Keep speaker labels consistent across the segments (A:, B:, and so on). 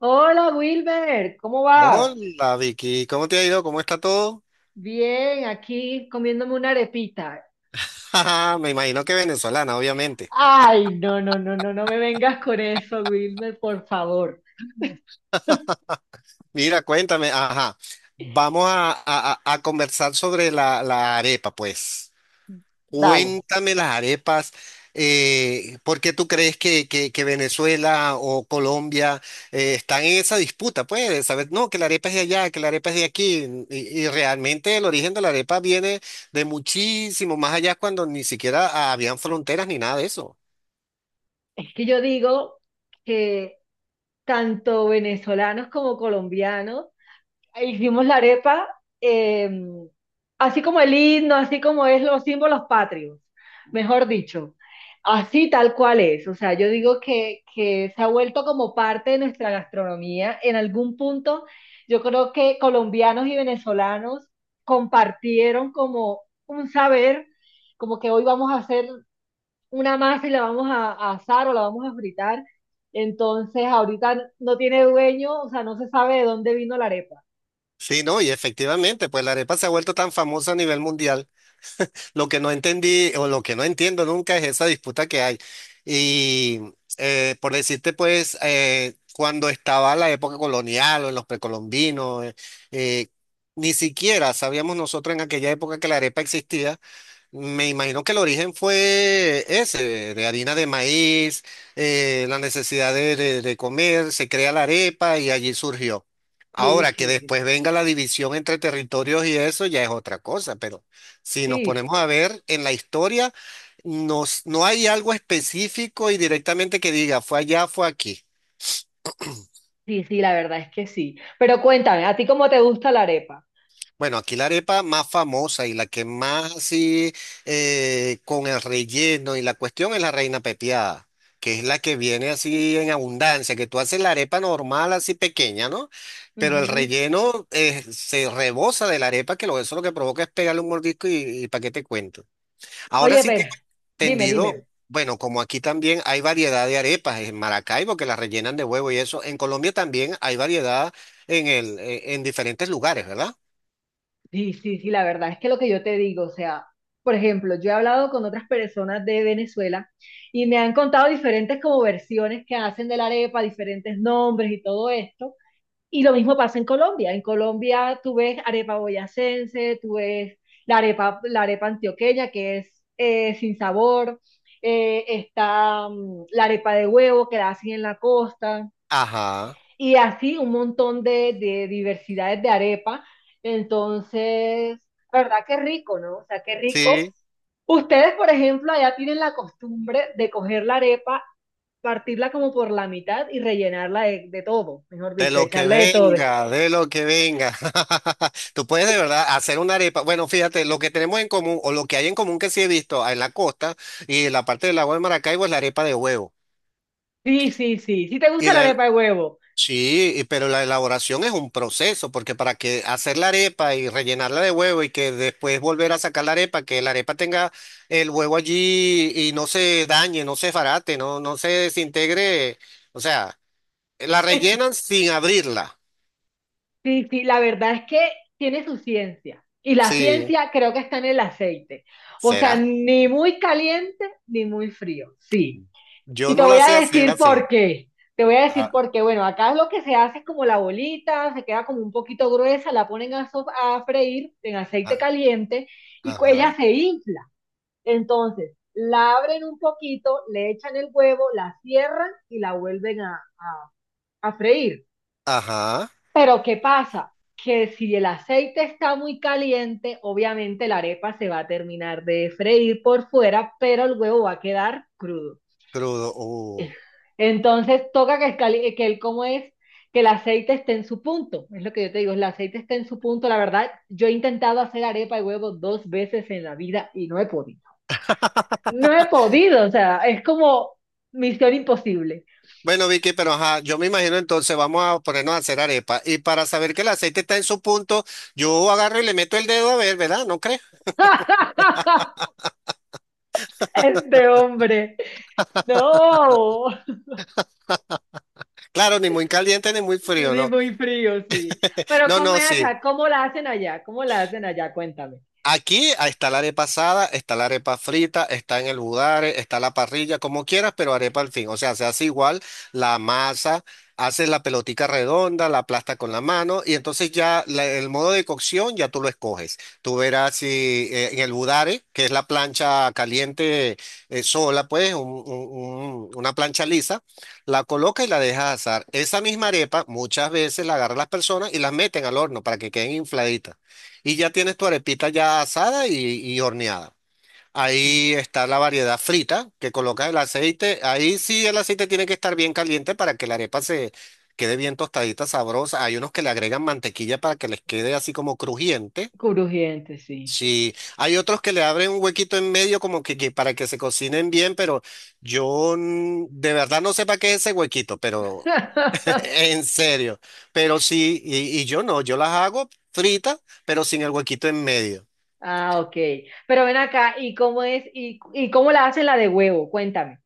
A: Hola Wilmer, ¿cómo vas?
B: Hola Vicky, ¿cómo te ha ido? ¿Cómo está todo?
A: Bien, aquí comiéndome una arepita.
B: Ajá, me imagino que venezolana, obviamente.
A: Ay, no, no, no, no, no me vengas con eso, Wilmer, por favor.
B: Mira, cuéntame, ajá, vamos a conversar sobre la arepa, pues.
A: Dale.
B: Cuéntame las arepas, ¿por qué tú crees que Venezuela o Colombia están en esa disputa? Pues, ¿sabes? No, que la arepa es de allá, que la arepa es de aquí, y realmente el origen de la arepa viene de muchísimo más allá cuando ni siquiera habían fronteras ni nada de eso.
A: Es que yo digo que tanto venezolanos como colombianos e Hicimos la arepa, eh, así como el himno, así como es los símbolos patrios, mejor dicho. Así tal cual es. O sea, yo digo que se ha vuelto como parte de nuestra gastronomía. En algún punto, yo creo que colombianos y venezolanos compartieron como un saber, como que hoy vamos a hacer una masa y la vamos a asar o la vamos a fritar. Entonces, ahorita no tiene dueño, o sea, no se sabe de dónde vino la arepa.
B: Sí, no, y efectivamente, pues la arepa se ha vuelto tan famosa a nivel mundial. Lo que no entendí o lo que no entiendo nunca es esa disputa que hay. Y por decirte, pues, cuando estaba la época colonial o en los precolombinos, eh, ni siquiera sabíamos nosotros en aquella época que la arepa existía. Me imagino que el origen fue ese, de harina de maíz, la necesidad de comer, se crea la arepa y allí surgió.
A: Sí,
B: Ahora que
A: sí, sí.
B: después venga la división entre territorios y eso ya es otra cosa, pero si nos
A: Sí,
B: ponemos a ver en la historia, no hay algo específico y directamente que diga fue allá, fue aquí.
A: sí, sí, la verdad es que sí. Pero cuéntame, ¿a ti cómo te gusta la arepa?
B: Bueno, aquí la arepa más famosa y la que más así con el relleno y la cuestión es la reina pepiada, que es la que viene así en abundancia, que tú haces la arepa normal así pequeña, ¿no? Pero el
A: Ujú.
B: relleno se rebosa de la arepa, eso lo que provoca es pegarle un mordisco y, para qué te cuento. Ahora
A: Oye,
B: sí
A: pero,
B: tengo
A: dime,
B: entendido,
A: dime.
B: bueno, como aquí también hay variedad de arepas en Maracaibo que las rellenan de huevo y eso, en Colombia también hay variedad en el, en diferentes lugares, ¿verdad?
A: Sí, sí, sí, la verdad es que lo que yo te digo, o sea, por ejemplo, yo he hablado con otras personas de Venezuela y me han contado diferentes como versiones que hacen de la arepa, diferentes nombres y todo esto. Y lo mismo pasa en Colombia. En Colombia tú ves arepa boyacense, tú ves la arepa antioqueña, que es sin sabor, está la arepa de huevo, que la hacen en la costa,
B: Ajá.
A: y así un montón de diversidades de arepa. Entonces, la verdad que rico, ¿no? O sea, qué rico.
B: Sí,
A: Ustedes, por ejemplo, allá tienen la costumbre de coger la arepa, partirla como por la mitad y rellenarla de todo, mejor
B: de
A: dicho,
B: lo que
A: echarle de todo.
B: venga, de lo que venga. Tú puedes de verdad hacer una arepa. Bueno, fíjate, lo que tenemos en común o lo que hay en común que sí he visto en la costa y en la parte del lago de Maracaibo es la arepa de huevo.
A: Sí, sí, sí. Si te
B: Y
A: gusta la
B: la,
A: arepa de huevo.
B: sí, pero la elaboración es un proceso, porque para que hacer la arepa y rellenarla de huevo y que después volver a sacar la arepa, que la arepa tenga el huevo allí y no se dañe, no se farate, no se desintegre. O sea, la
A: Es que,
B: rellenan sin abrirla.
A: sí, sí, la verdad es que tiene su ciencia. Y la
B: Sí.
A: ciencia creo que está en el aceite. O sea,
B: ¿Será?
A: ni muy caliente ni muy frío. Sí.
B: Yo
A: Y te
B: no
A: voy
B: la sé
A: a
B: hacer
A: decir
B: así.
A: por qué. Te voy a decir
B: Ah,
A: por qué. Bueno, acá lo que se hace es como la bolita, se queda como un poquito gruesa, la ponen a, a freír en aceite
B: ah,
A: caliente y ella
B: ajá,
A: se infla. Entonces, la abren un poquito, le echan el huevo, la cierran y la vuelven a freír.
B: ajá,
A: Pero ¿qué pasa? Que si el aceite está muy caliente, obviamente la arepa se va a terminar de freír por fuera, pero el huevo va a quedar crudo.
B: crudo.
A: Entonces toca que, que el cómo es que el aceite esté en su punto. Es lo que yo te digo, el aceite esté en su punto. La verdad, yo he intentado hacer arepa de huevo dos veces en la vida y no he podido. No he podido, o sea, es como misión imposible.
B: Bueno, Vicky, pero ajá, yo me imagino entonces vamos a ponernos a hacer arepa. Y para saber que el aceite está en su punto, yo agarro y le meto el dedo a ver, ¿verdad? ¿No crees?
A: Este hombre. No.
B: Claro, ni muy caliente ni muy frío,
A: Sí,
B: no.
A: muy frío, sí. Pero
B: No,
A: ¿cómo
B: no,
A: es
B: sí.
A: acá? ¿Cómo la hacen allá? ¿Cómo la hacen allá? Cuéntame.
B: Aquí está la arepa asada, está la arepa frita, está en el budare, está la parrilla, como quieras, pero arepa al fin. O sea, se hace igual la masa, haces la pelotica redonda, la aplastas con la mano y entonces ya el modo de cocción ya tú lo escoges. Tú verás si en el budare, que es la plancha caliente sola, pues una plancha lisa, la colocas y la dejas asar. Esa misma arepa muchas veces la agarran las personas y las meten al horno para que queden infladitas. Y ya tienes tu arepita ya asada y horneada. Ahí está la variedad frita, que colocas el aceite. Ahí sí el aceite tiene que estar bien caliente para que la arepa se quede bien tostadita, sabrosa. Hay unos que le agregan mantequilla para que les quede así como crujiente.
A: Crujiente, sí.
B: Sí, hay otros que le abren un huequito en medio que para que se cocinen bien, pero yo de verdad no sé para qué es ese huequito, pero en serio. Pero sí, y yo no, yo las hago fritas, pero sin el huequito en medio.
A: Ah, ok. Pero ven acá, ¿y cómo es? ¿Y, cómo la hacen la de huevo? Cuéntame.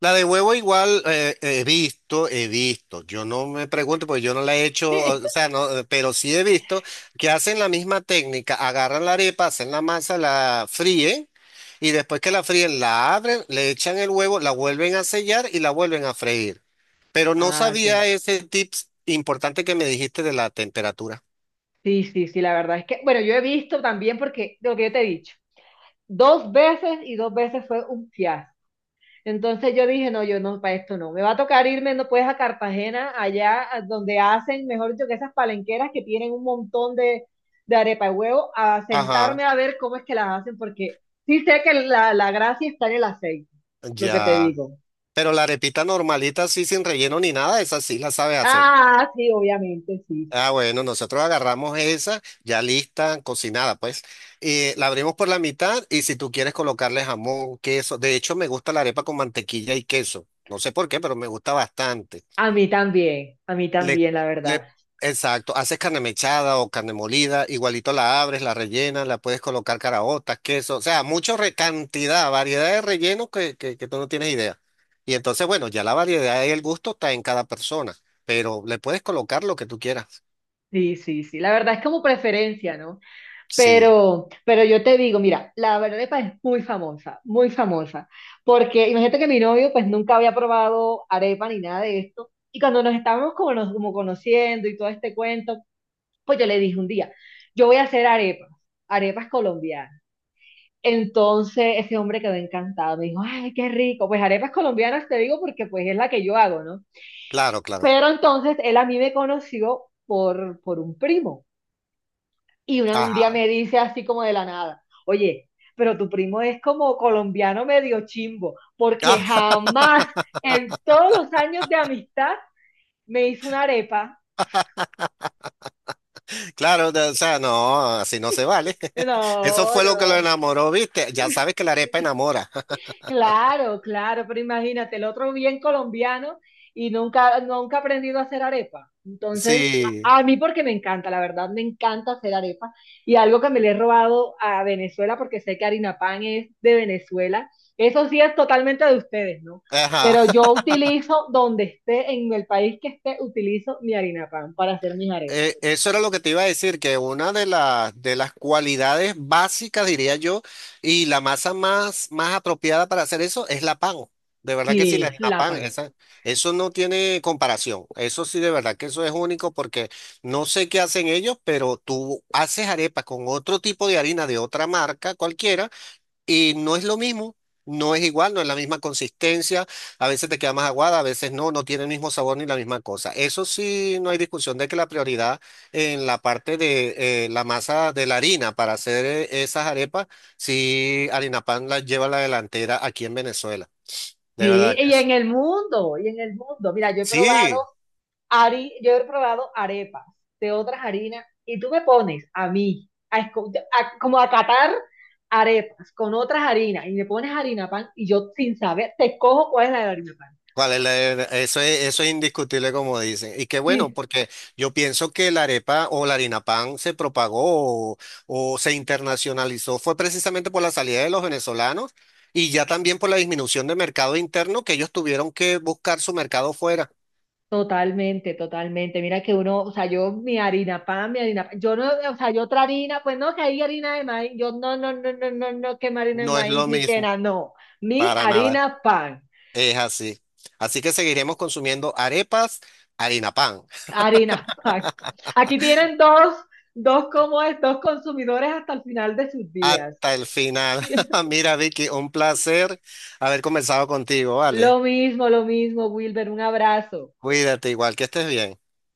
B: La de huevo igual he visto, he visto. Yo no me pregunto porque yo no la he hecho, o sea, no, pero sí he visto que hacen la misma técnica, agarran la arepa, hacen la masa, la fríen y después que la fríen la abren, le echan el huevo, la vuelven a sellar y la vuelven a freír. Pero no
A: Ah, ok.
B: sabía ese tips importante que me dijiste de la temperatura.
A: Sí, sí, sí, la verdad es que, bueno, yo he visto también porque, de lo que yo te he dicho, dos veces y dos veces fue un fiasco. Entonces yo dije, no, yo no, para esto no. Me va a tocar irme, no puedes a Cartagena, allá a donde hacen, mejor dicho, que esas palenqueras que tienen un montón de arepa de huevo, a
B: Ajá,
A: sentarme a ver cómo es que las hacen, porque sí sé que la gracia está en el aceite, lo que te
B: ya.
A: digo.
B: Pero la arepita normalita, así sin relleno ni nada, esa sí la sabe hacer.
A: Ah, sí, obviamente, sí, sí.
B: Ah, bueno, nosotros agarramos esa ya lista, cocinada, pues. La abrimos por la mitad y si tú quieres colocarle jamón, queso. De hecho, me gusta la arepa con mantequilla y queso. No sé por qué, pero me gusta bastante.
A: A mí
B: Le,
A: también, la verdad.
B: le, exacto, haces carne mechada o carne molida, igualito la abres, la rellenas, la puedes colocar caraotas, queso. O sea, mucha cantidad, variedad de rellenos que tú no tienes idea. Y entonces, bueno, ya la variedad y el gusto está en cada persona, pero le puedes colocar lo que tú quieras.
A: Sí, sí, sí. La verdad es como preferencia, ¿no?
B: Sí.
A: Pero yo te digo, mira, la arepa es muy famosa, porque imagínate que mi novio pues nunca había probado arepa ni nada de esto, y cuando nos estábamos como, como conociendo y todo este cuento, pues yo le dije un día, yo voy a hacer arepas, arepas colombianas. Entonces ese hombre quedó encantado, me dijo, ay, qué rico, pues arepas colombianas te digo porque pues es la que yo hago, ¿no?
B: Claro, claro.
A: Pero entonces él a mí me conoció por un primo. Y un día
B: Ajá.
A: me dice así como de la nada, oye, pero tu primo es como colombiano medio chimbo, porque
B: Ah,
A: jamás en todos los años de amistad me hizo una arepa.
B: claro, o sea, no, así no se vale. Eso
A: No,
B: fue lo que lo
A: no,
B: enamoró, ¿viste? Ya sabes que la arepa enamora.
A: claro, claro, pero imagínate, el otro bien colombiano y nunca, nunca ha aprendido a hacer arepa. Entonces,
B: Sí.
A: a mí porque me encanta, la verdad, me encanta hacer arepa. Y algo que me le he robado a Venezuela, porque sé que harina pan es de Venezuela, eso sí es totalmente de ustedes, ¿no?
B: Ajá.
A: Pero yo utilizo, donde esté, en el país que esté, utilizo mi harina pan para hacer mis arepas.
B: Eso era lo que te iba a decir, que una de las cualidades básicas, diría yo, y la masa más apropiada para hacer eso es la pan. De verdad que sí, la
A: Sí,
B: harina
A: la
B: pan,
A: pan.
B: esa, eso no tiene comparación. Eso sí, de verdad que eso es único porque no sé qué hacen ellos, pero tú haces arepas con otro tipo de harina de otra marca cualquiera. Y no es lo mismo, no es igual, no es la misma consistencia, a veces te queda más aguada, a veces no, no tiene el mismo sabor ni la misma cosa. Eso sí, no hay discusión de que la prioridad en la parte de la masa de la harina para hacer esas arepas, sí, Harina Pan la lleva a la delantera aquí en Venezuela, de
A: Sí,
B: verdad
A: y
B: que sí.
A: en el mundo, y en el mundo. Mira, yo he probado
B: Sí,
A: Yo he probado arepas de otras harinas y tú me pones a mí, como a catar arepas con otras harinas y me pones harina pan y yo sin saber te cojo cuál es la de harina pan.
B: ¿Cuál es la eso es indiscutible como dicen. Y qué bueno,
A: Sí,
B: porque yo pienso que la arepa o la harina pan se propagó o se internacionalizó fue precisamente por la salida de los venezolanos y ya también por la disminución de mercado interno que ellos tuvieron que buscar su mercado fuera.
A: totalmente, totalmente. Mira que uno, o sea, yo mi harina pan, yo no, o sea, yo otra harina, pues no, que hay harina de maíz, yo no, no, no, no, no, no, que harina de
B: No es lo
A: maíz ni que
B: mismo,
A: nada, no, mi
B: para nada.
A: harina pan.
B: Es así. Así que seguiremos consumiendo arepas, harina pan,
A: Harina Pack. Aquí tienen dos, dos como estos consumidores hasta el final de sus días.
B: hasta el final. Mira, Vicky, un placer haber conversado contigo, ¿vale?
A: Lo mismo, Wilber, un abrazo.
B: Cuídate igual, que estés bien.